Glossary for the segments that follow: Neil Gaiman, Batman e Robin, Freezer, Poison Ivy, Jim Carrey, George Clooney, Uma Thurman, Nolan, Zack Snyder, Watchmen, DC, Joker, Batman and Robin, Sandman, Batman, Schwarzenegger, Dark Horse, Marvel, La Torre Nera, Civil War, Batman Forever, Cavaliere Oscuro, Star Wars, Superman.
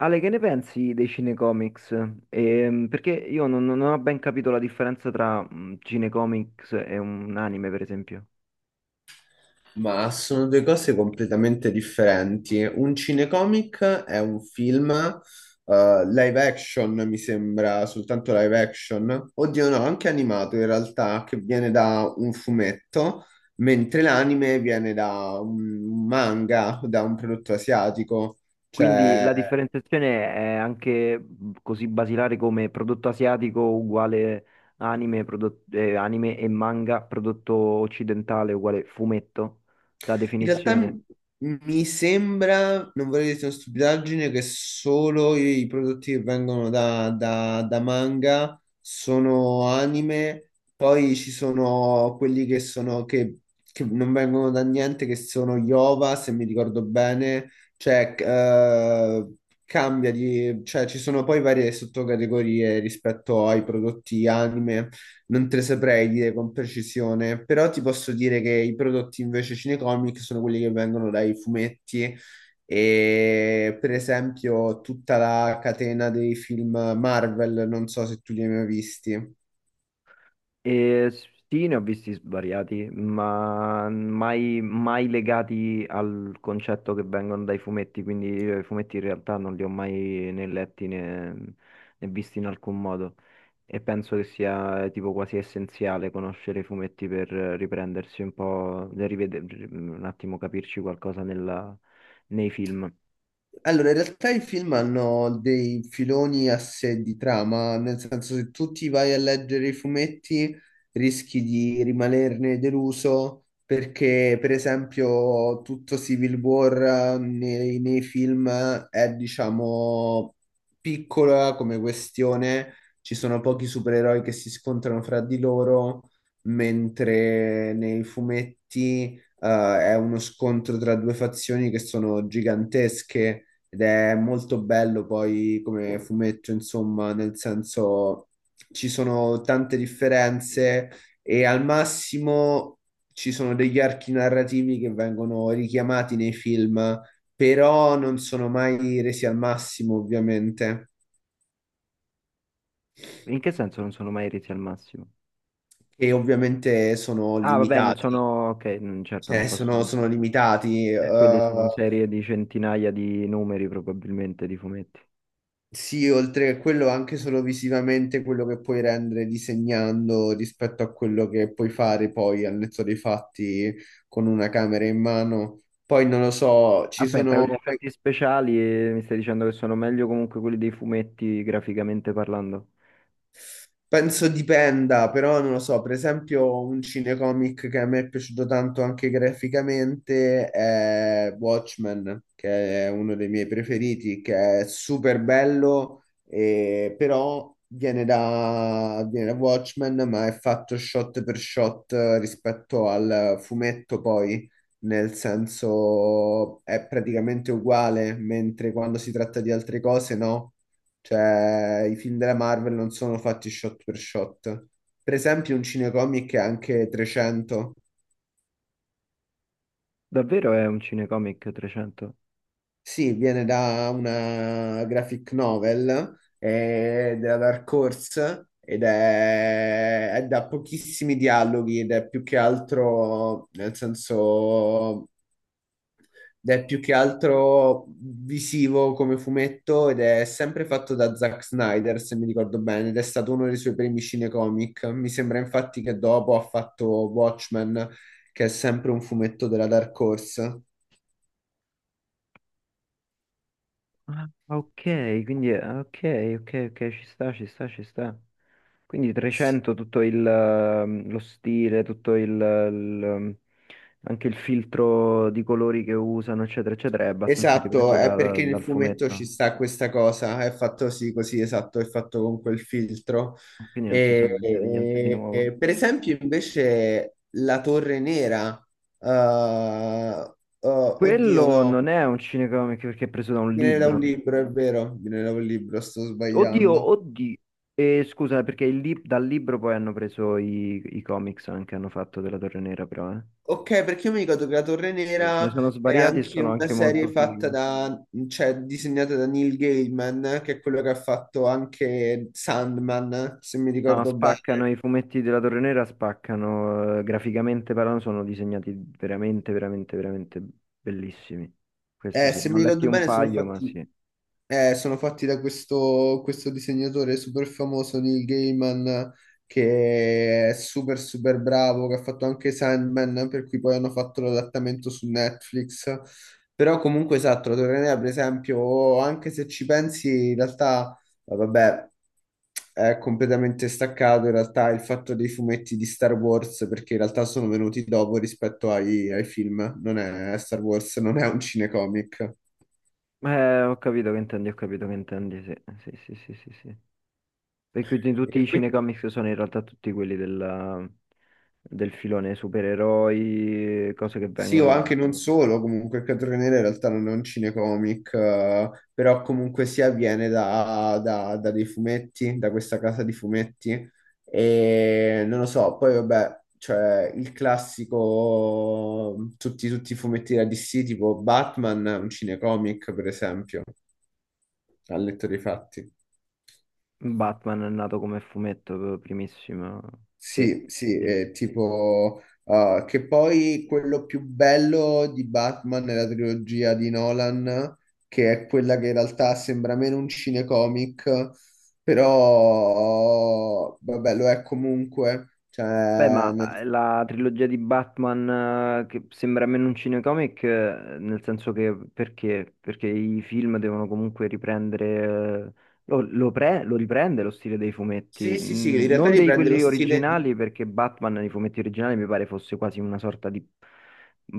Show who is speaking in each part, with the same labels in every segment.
Speaker 1: Ale, che ne pensi dei cinecomics? Perché io non ho ben capito la differenza tra cinecomics e un anime, per esempio.
Speaker 2: Ma sono due cose completamente differenti. Un cinecomic è un film live action, mi sembra, soltanto live action. Oddio, no, anche animato in realtà, che viene da un fumetto, mentre l'anime viene da un manga, da un prodotto asiatico.
Speaker 1: Quindi
Speaker 2: Cioè,
Speaker 1: la differenziazione è anche così basilare come prodotto asiatico uguale anime, anime e manga, prodotto occidentale uguale fumetto, la
Speaker 2: in realtà
Speaker 1: definizione.
Speaker 2: mi sembra, non vorrei dire una stupidaggine, che solo i prodotti che vengono da manga sono anime, poi ci sono quelli che sono che non vengono da niente, che sono Yova, se mi ricordo bene, cioè cambia di, cioè ci sono poi varie sottocategorie rispetto ai prodotti anime, non te le saprei dire con precisione, però ti posso dire che i prodotti invece cinecomic sono quelli che vengono dai fumetti e per esempio tutta la catena dei film Marvel, non so se tu li hai mai visti.
Speaker 1: E sì, ne ho visti svariati, ma mai legati al concetto che vengono dai fumetti, quindi io i fumetti in realtà non li ho mai né letti né visti in alcun modo. E penso che sia tipo quasi essenziale conoscere i fumetti per riprendersi un po', nel un attimo capirci qualcosa nei film.
Speaker 2: Allora, in realtà i film hanno dei filoni a sé di trama, nel senso se tu ti vai a leggere i fumetti rischi di rimanerne deluso perché, per esempio, tutto Civil War nei film è, diciamo, piccola come questione, ci sono pochi supereroi che si scontrano fra di loro, mentre nei fumetti, è uno scontro tra due fazioni che sono gigantesche ed è molto bello poi come fumetto, insomma, nel senso ci sono tante differenze e al massimo ci sono degli archi narrativi che vengono richiamati nei film, però non sono mai resi al massimo, ovviamente,
Speaker 1: In che senso non sono mai resi al massimo?
Speaker 2: e ovviamente sono
Speaker 1: Ah, vabbè, non
Speaker 2: limitati,
Speaker 1: sono... Ok, mm, certo, non
Speaker 2: cioè
Speaker 1: posso.
Speaker 2: sono, limitati.
Speaker 1: Quelli sono serie di centinaia di numeri probabilmente di fumetti.
Speaker 2: Sì, oltre a quello anche solo visivamente quello che puoi rendere disegnando rispetto a quello che puoi fare poi al netto dei fatti con una camera in mano. Poi non lo so, ci
Speaker 1: Aspetta, con gli
Speaker 2: sono.
Speaker 1: effetti speciali mi stai dicendo che sono meglio comunque quelli dei fumetti graficamente parlando?
Speaker 2: Penso dipenda, però non lo so, per esempio un cinecomic che a me è piaciuto tanto anche graficamente è Watchmen, che è uno dei miei preferiti, che è super bello, però viene da, Watchmen, ma è fatto shot per shot rispetto al fumetto poi, nel senso è praticamente uguale, mentre quando si tratta di altre cose no. Cioè, i film della Marvel non sono fatti shot. Per esempio, un cinecomic è anche 300.
Speaker 1: Davvero è un cinecomic 300?
Speaker 2: Sì, viene da una graphic novel della Dark Horse ed è da pochissimi dialoghi ed è più che altro, nel senso, ed è più che altro visivo come fumetto ed è sempre fatto da Zack Snyder, se mi ricordo bene, ed è stato uno dei suoi primi cinecomic. Mi sembra infatti che dopo ha fatto Watchmen, che è sempre un fumetto della Dark Horse.
Speaker 1: Ah, ok, ok, ok, ok, ci sta, ci sta, ci sta. Quindi 300, tutto lo stile, tutto ehm, anche il filtro di colori che usano, eccetera, eccetera, è abbastanza
Speaker 2: Esatto,
Speaker 1: ripreso
Speaker 2: è perché nel
Speaker 1: dal
Speaker 2: fumetto ci
Speaker 1: fumetto.
Speaker 2: sta questa cosa, è fatto sì, così, esatto, è fatto con quel filtro.
Speaker 1: Quindi non si sono
Speaker 2: E,
Speaker 1: inventati niente di
Speaker 2: e-
Speaker 1: nuovo.
Speaker 2: e, per esempio, invece, la Torre Nera, eh, oddio,
Speaker 1: Quello
Speaker 2: no.
Speaker 1: non è un cinecomic perché è preso da un
Speaker 2: Viene da un
Speaker 1: libro.
Speaker 2: libro, è vero, viene da un libro, sto sbagliando.
Speaker 1: Oddio, oddio. E scusa, perché dal libro poi hanno preso i comics anche, hanno fatto della Torre Nera però, eh.
Speaker 2: Ok, perché io mi ricordo che La Torre
Speaker 1: Sì, ce ne dici?
Speaker 2: Nera
Speaker 1: Sono
Speaker 2: è
Speaker 1: svariati e
Speaker 2: anche
Speaker 1: sono
Speaker 2: una
Speaker 1: anche molto
Speaker 2: serie fatta
Speaker 1: fighi.
Speaker 2: da, cioè disegnata da Neil Gaiman, che è quello che ha fatto anche Sandman, se mi
Speaker 1: No,
Speaker 2: ricordo bene.
Speaker 1: spaccano i fumetti della Torre Nera, spaccano, graficamente parlando, sono disegnati veramente, veramente, veramente bellissimi. Questo sì,
Speaker 2: Se
Speaker 1: ne ho
Speaker 2: mi
Speaker 1: letti
Speaker 2: ricordo
Speaker 1: un
Speaker 2: bene sono
Speaker 1: paio, ma
Speaker 2: fatti.
Speaker 1: sì.
Speaker 2: Sono fatti da questo, disegnatore super famoso, Neil Gaiman, che è super super bravo, che ha fatto anche Sandman, per cui poi hanno fatto l'adattamento su Netflix. Però comunque esatto, la Torre Nera, per esempio, anche se ci pensi, in realtà, vabbè, è completamente staccato in realtà il fatto dei fumetti di Star Wars, perché in realtà sono venuti dopo rispetto ai film. Non è Star Wars, non è un cinecomic.
Speaker 1: Ho capito che intendi, ho capito che intendi, sì, sì, sì, sì, sì, sì. E quindi tutti
Speaker 2: E
Speaker 1: i
Speaker 2: quindi
Speaker 1: cinecomics sono in realtà tutti quelli del filone supereroi, cose che
Speaker 2: sì, o
Speaker 1: vengono
Speaker 2: anche
Speaker 1: da...
Speaker 2: non solo, comunque il cartone nero in realtà non è un cinecomic, però comunque sia viene da dei fumetti, da questa casa di fumetti, e non lo so, poi vabbè, cioè il classico, tutti i fumetti da DC, tipo Batman, è un cinecomic per esempio, ha letto dei fatti.
Speaker 1: Batman è nato come fumetto primissimo. Sì,
Speaker 2: Sì, sì,
Speaker 1: sì.
Speaker 2: è tipo che poi quello più bello di Batman nella trilogia di Nolan, che è quella che in realtà sembra meno un cinecomic, però vabbè, lo è comunque.
Speaker 1: Beh, ma
Speaker 2: Cioè, nel-
Speaker 1: la trilogia di Batman, che sembra meno un cinecomic, nel senso che perché? Perché i film devono comunque riprendere, lo riprende lo stile dei
Speaker 2: Sì,
Speaker 1: fumetti.
Speaker 2: sì, sì, in
Speaker 1: Mm,
Speaker 2: realtà
Speaker 1: non dei
Speaker 2: riprende lo
Speaker 1: quelli
Speaker 2: stile di.
Speaker 1: originali, perché Batman nei fumetti originali mi pare fosse quasi una sorta di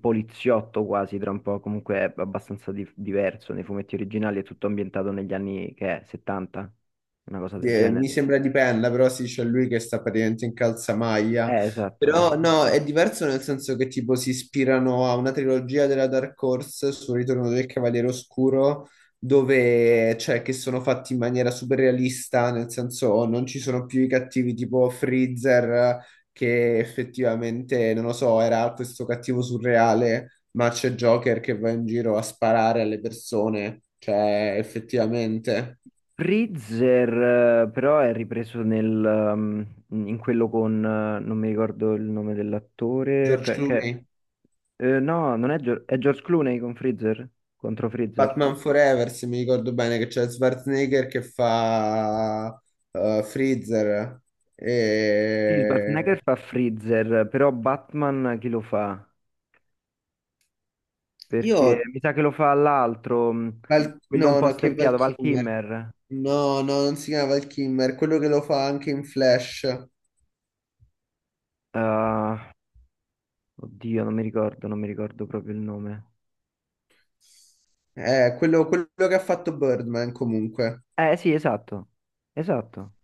Speaker 1: poliziotto quasi, tra un po', comunque è abbastanza diverso, nei fumetti originali è tutto ambientato negli anni che è, 70, una cosa del
Speaker 2: Mi
Speaker 1: genere.
Speaker 2: sembra dipenda, però sì, c'è lui che sta praticamente in calzamaglia.
Speaker 1: Esatto.
Speaker 2: Però no, è diverso nel senso che tipo si ispirano a una trilogia della Dark Horse sul ritorno del Cavaliere Oscuro, dove cioè che sono fatti in maniera super realista, nel senso non ci sono più i cattivi tipo Freezer, che effettivamente, non lo so, era questo cattivo surreale, ma c'è Joker che va in giro a sparare alle persone, cioè effettivamente.
Speaker 1: Freezer, però è ripreso um, in quello con, non mi ricordo il nome dell'attore,
Speaker 2: George Clooney.
Speaker 1: no, non è, Gio- è George Clooney con Freezer, contro Freezer.
Speaker 2: Batman Forever, se mi ricordo bene, che c'è Schwarzenegger che fa Freezer.
Speaker 1: Sì,
Speaker 2: E...
Speaker 1: Schwarzenegger fa Freezer, però Batman chi lo fa?
Speaker 2: Io...
Speaker 1: Perché mi sa che lo fa l'altro, quello un
Speaker 2: No,
Speaker 1: po'
Speaker 2: no, che Val
Speaker 1: stempiato, Val
Speaker 2: Kilmer.
Speaker 1: Kilmer.
Speaker 2: No, no, non si chiama Val Kilmer, quello che lo fa anche in Flash.
Speaker 1: Ah, oddio, non mi ricordo, non mi ricordo proprio il nome.
Speaker 2: Quello, quello che ha fatto Birdman comunque.
Speaker 1: Eh sì, esatto, esatto.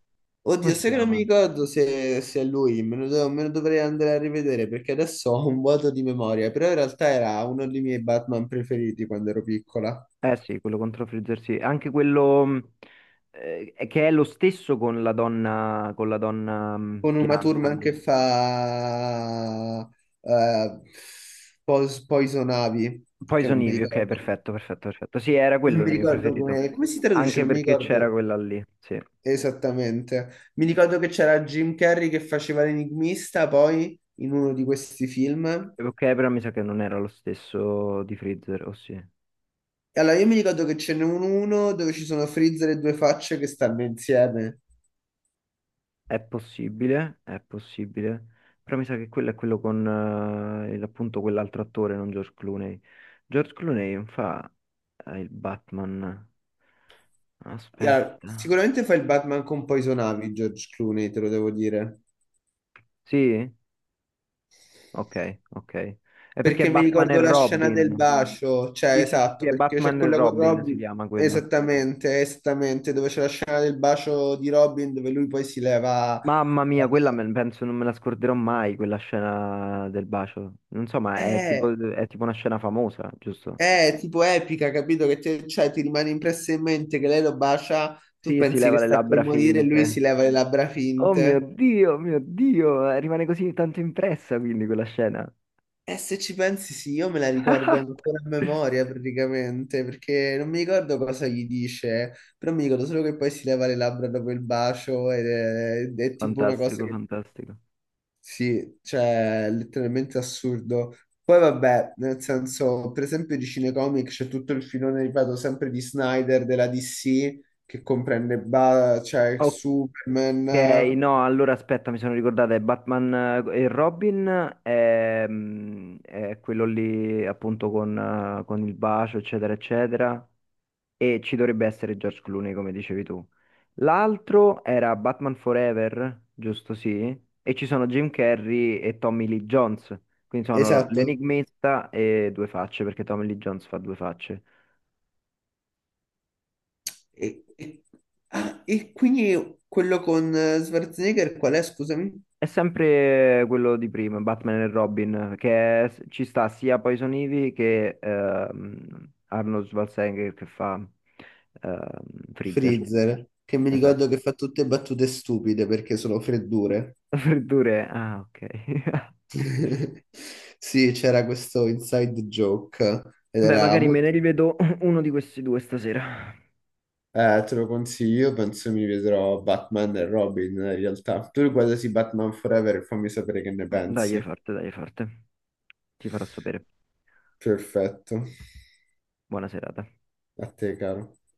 Speaker 1: Come
Speaker 2: Oddio,
Speaker 1: si
Speaker 2: sai che non mi
Speaker 1: chiama?
Speaker 2: ricordo se è lui, me lo, me lo dovrei andare a rivedere perché adesso ho un vuoto di memoria, però in realtà era uno dei miei Batman preferiti quando ero piccola.
Speaker 1: Eh sì, quello contro Freezer sì. Anche quello che è lo stesso con la donna
Speaker 2: Con Uma
Speaker 1: pianta
Speaker 2: Thurman che
Speaker 1: lì.
Speaker 2: fa eh, Poison Ivy, che
Speaker 1: Poison
Speaker 2: non mi
Speaker 1: Ivy, ok,
Speaker 2: ricordo,
Speaker 1: perfetto, perfetto, perfetto. Sì, era
Speaker 2: non
Speaker 1: quello il
Speaker 2: mi
Speaker 1: mio
Speaker 2: ricordo
Speaker 1: preferito.
Speaker 2: come, come si traduce,
Speaker 1: Anche
Speaker 2: non mi
Speaker 1: perché c'era
Speaker 2: ricordo
Speaker 1: quella lì, sì.
Speaker 2: esattamente. Mi ricordo che c'era Jim Carrey che faceva l'enigmista poi in uno di questi film.
Speaker 1: Ok, però mi sa che non era lo stesso di Freezer, o sì.
Speaker 2: E allora, io mi ricordo che ce n'è un uno dove ci sono Freezer e due facce che stanno insieme.
Speaker 1: È possibile, però mi sa che quello è quello con appunto quell'altro attore, non George Clooney. George Clooney non fa il Batman.
Speaker 2: E allora,
Speaker 1: Aspetta.
Speaker 2: sicuramente fa il Batman con Poison Ivy, George Clooney, te lo devo dire.
Speaker 1: Sì? Ok, ok. È perché è
Speaker 2: Perché mi
Speaker 1: Batman e
Speaker 2: ricordo la scena del
Speaker 1: Robin.
Speaker 2: bacio, cioè
Speaker 1: Sì, sì, sì, sì,
Speaker 2: esatto,
Speaker 1: è
Speaker 2: perché c'è
Speaker 1: Batman e
Speaker 2: quella con
Speaker 1: Robin si
Speaker 2: Robin,
Speaker 1: chiama quello.
Speaker 2: esattamente, esattamente, dove c'è la scena del bacio di Robin dove lui poi si leva...
Speaker 1: Mamma mia, penso non me la scorderò mai, quella scena del bacio. Non so, ma
Speaker 2: È,
Speaker 1: è tipo una scena famosa, giusto?
Speaker 2: è tipo epica, capito? Che te- cioè, ti rimane impressa in mente che lei lo bacia, tu
Speaker 1: Sì, si
Speaker 2: pensi
Speaker 1: leva
Speaker 2: che
Speaker 1: le
Speaker 2: sta per
Speaker 1: labbra
Speaker 2: morire e lui
Speaker 1: finte.
Speaker 2: si leva le labbra
Speaker 1: Oh
Speaker 2: finte.
Speaker 1: Mio Dio, rimane così tanto impressa quindi quella scena.
Speaker 2: E se ci pensi, sì, io me la ricordo ancora a memoria praticamente, perché non mi ricordo cosa gli dice, però mi ricordo solo che poi si leva le labbra dopo il bacio ed è tipo una cosa
Speaker 1: Fantastico,
Speaker 2: che,
Speaker 1: fantastico.
Speaker 2: sì, cioè, è letteralmente assurdo. Poi vabbè, nel senso, per esempio di cinecomic c'è tutto il filone, ripeto, sempre di Snyder, della DC, che comprende cioè,
Speaker 1: Ok,
Speaker 2: Superman,
Speaker 1: no, allora aspetta, mi sono ricordata, è Batman e Robin, è, quello lì appunto con il bacio, eccetera, eccetera. E ci dovrebbe essere George Clooney, come dicevi tu. L'altro era Batman Forever, giusto sì, e ci sono Jim Carrey e Tommy Lee Jones. Quindi sono
Speaker 2: esatto.
Speaker 1: l'enigmista e due facce, perché Tommy Lee Jones fa due facce.
Speaker 2: E, e- ah, e quindi quello con Schwarzenegger qual è, scusami?
Speaker 1: È sempre quello di prima, Batman e Robin, ci sta sia Poison Ivy che Arnold Schwarzenegger che fa ehm, Freezer.
Speaker 2: Freezer, che mi ricordo
Speaker 1: Esatto.
Speaker 2: che fa tutte battute stupide perché sono freddure.
Speaker 1: Freddure, ah ok.
Speaker 2: Sì, c'era questo inside joke ed
Speaker 1: Beh,
Speaker 2: era
Speaker 1: magari me
Speaker 2: molto...
Speaker 1: ne rivedo uno di questi due stasera.
Speaker 2: Te lo consiglio, io penso mi vedrò Batman e Robin in realtà. Tu riguardati Batman Forever e fammi sapere che ne
Speaker 1: Dai, è
Speaker 2: pensi.
Speaker 1: forte, dai, è forte. Ti farò sapere.
Speaker 2: Perfetto.
Speaker 1: Buona serata.
Speaker 2: A te, caro.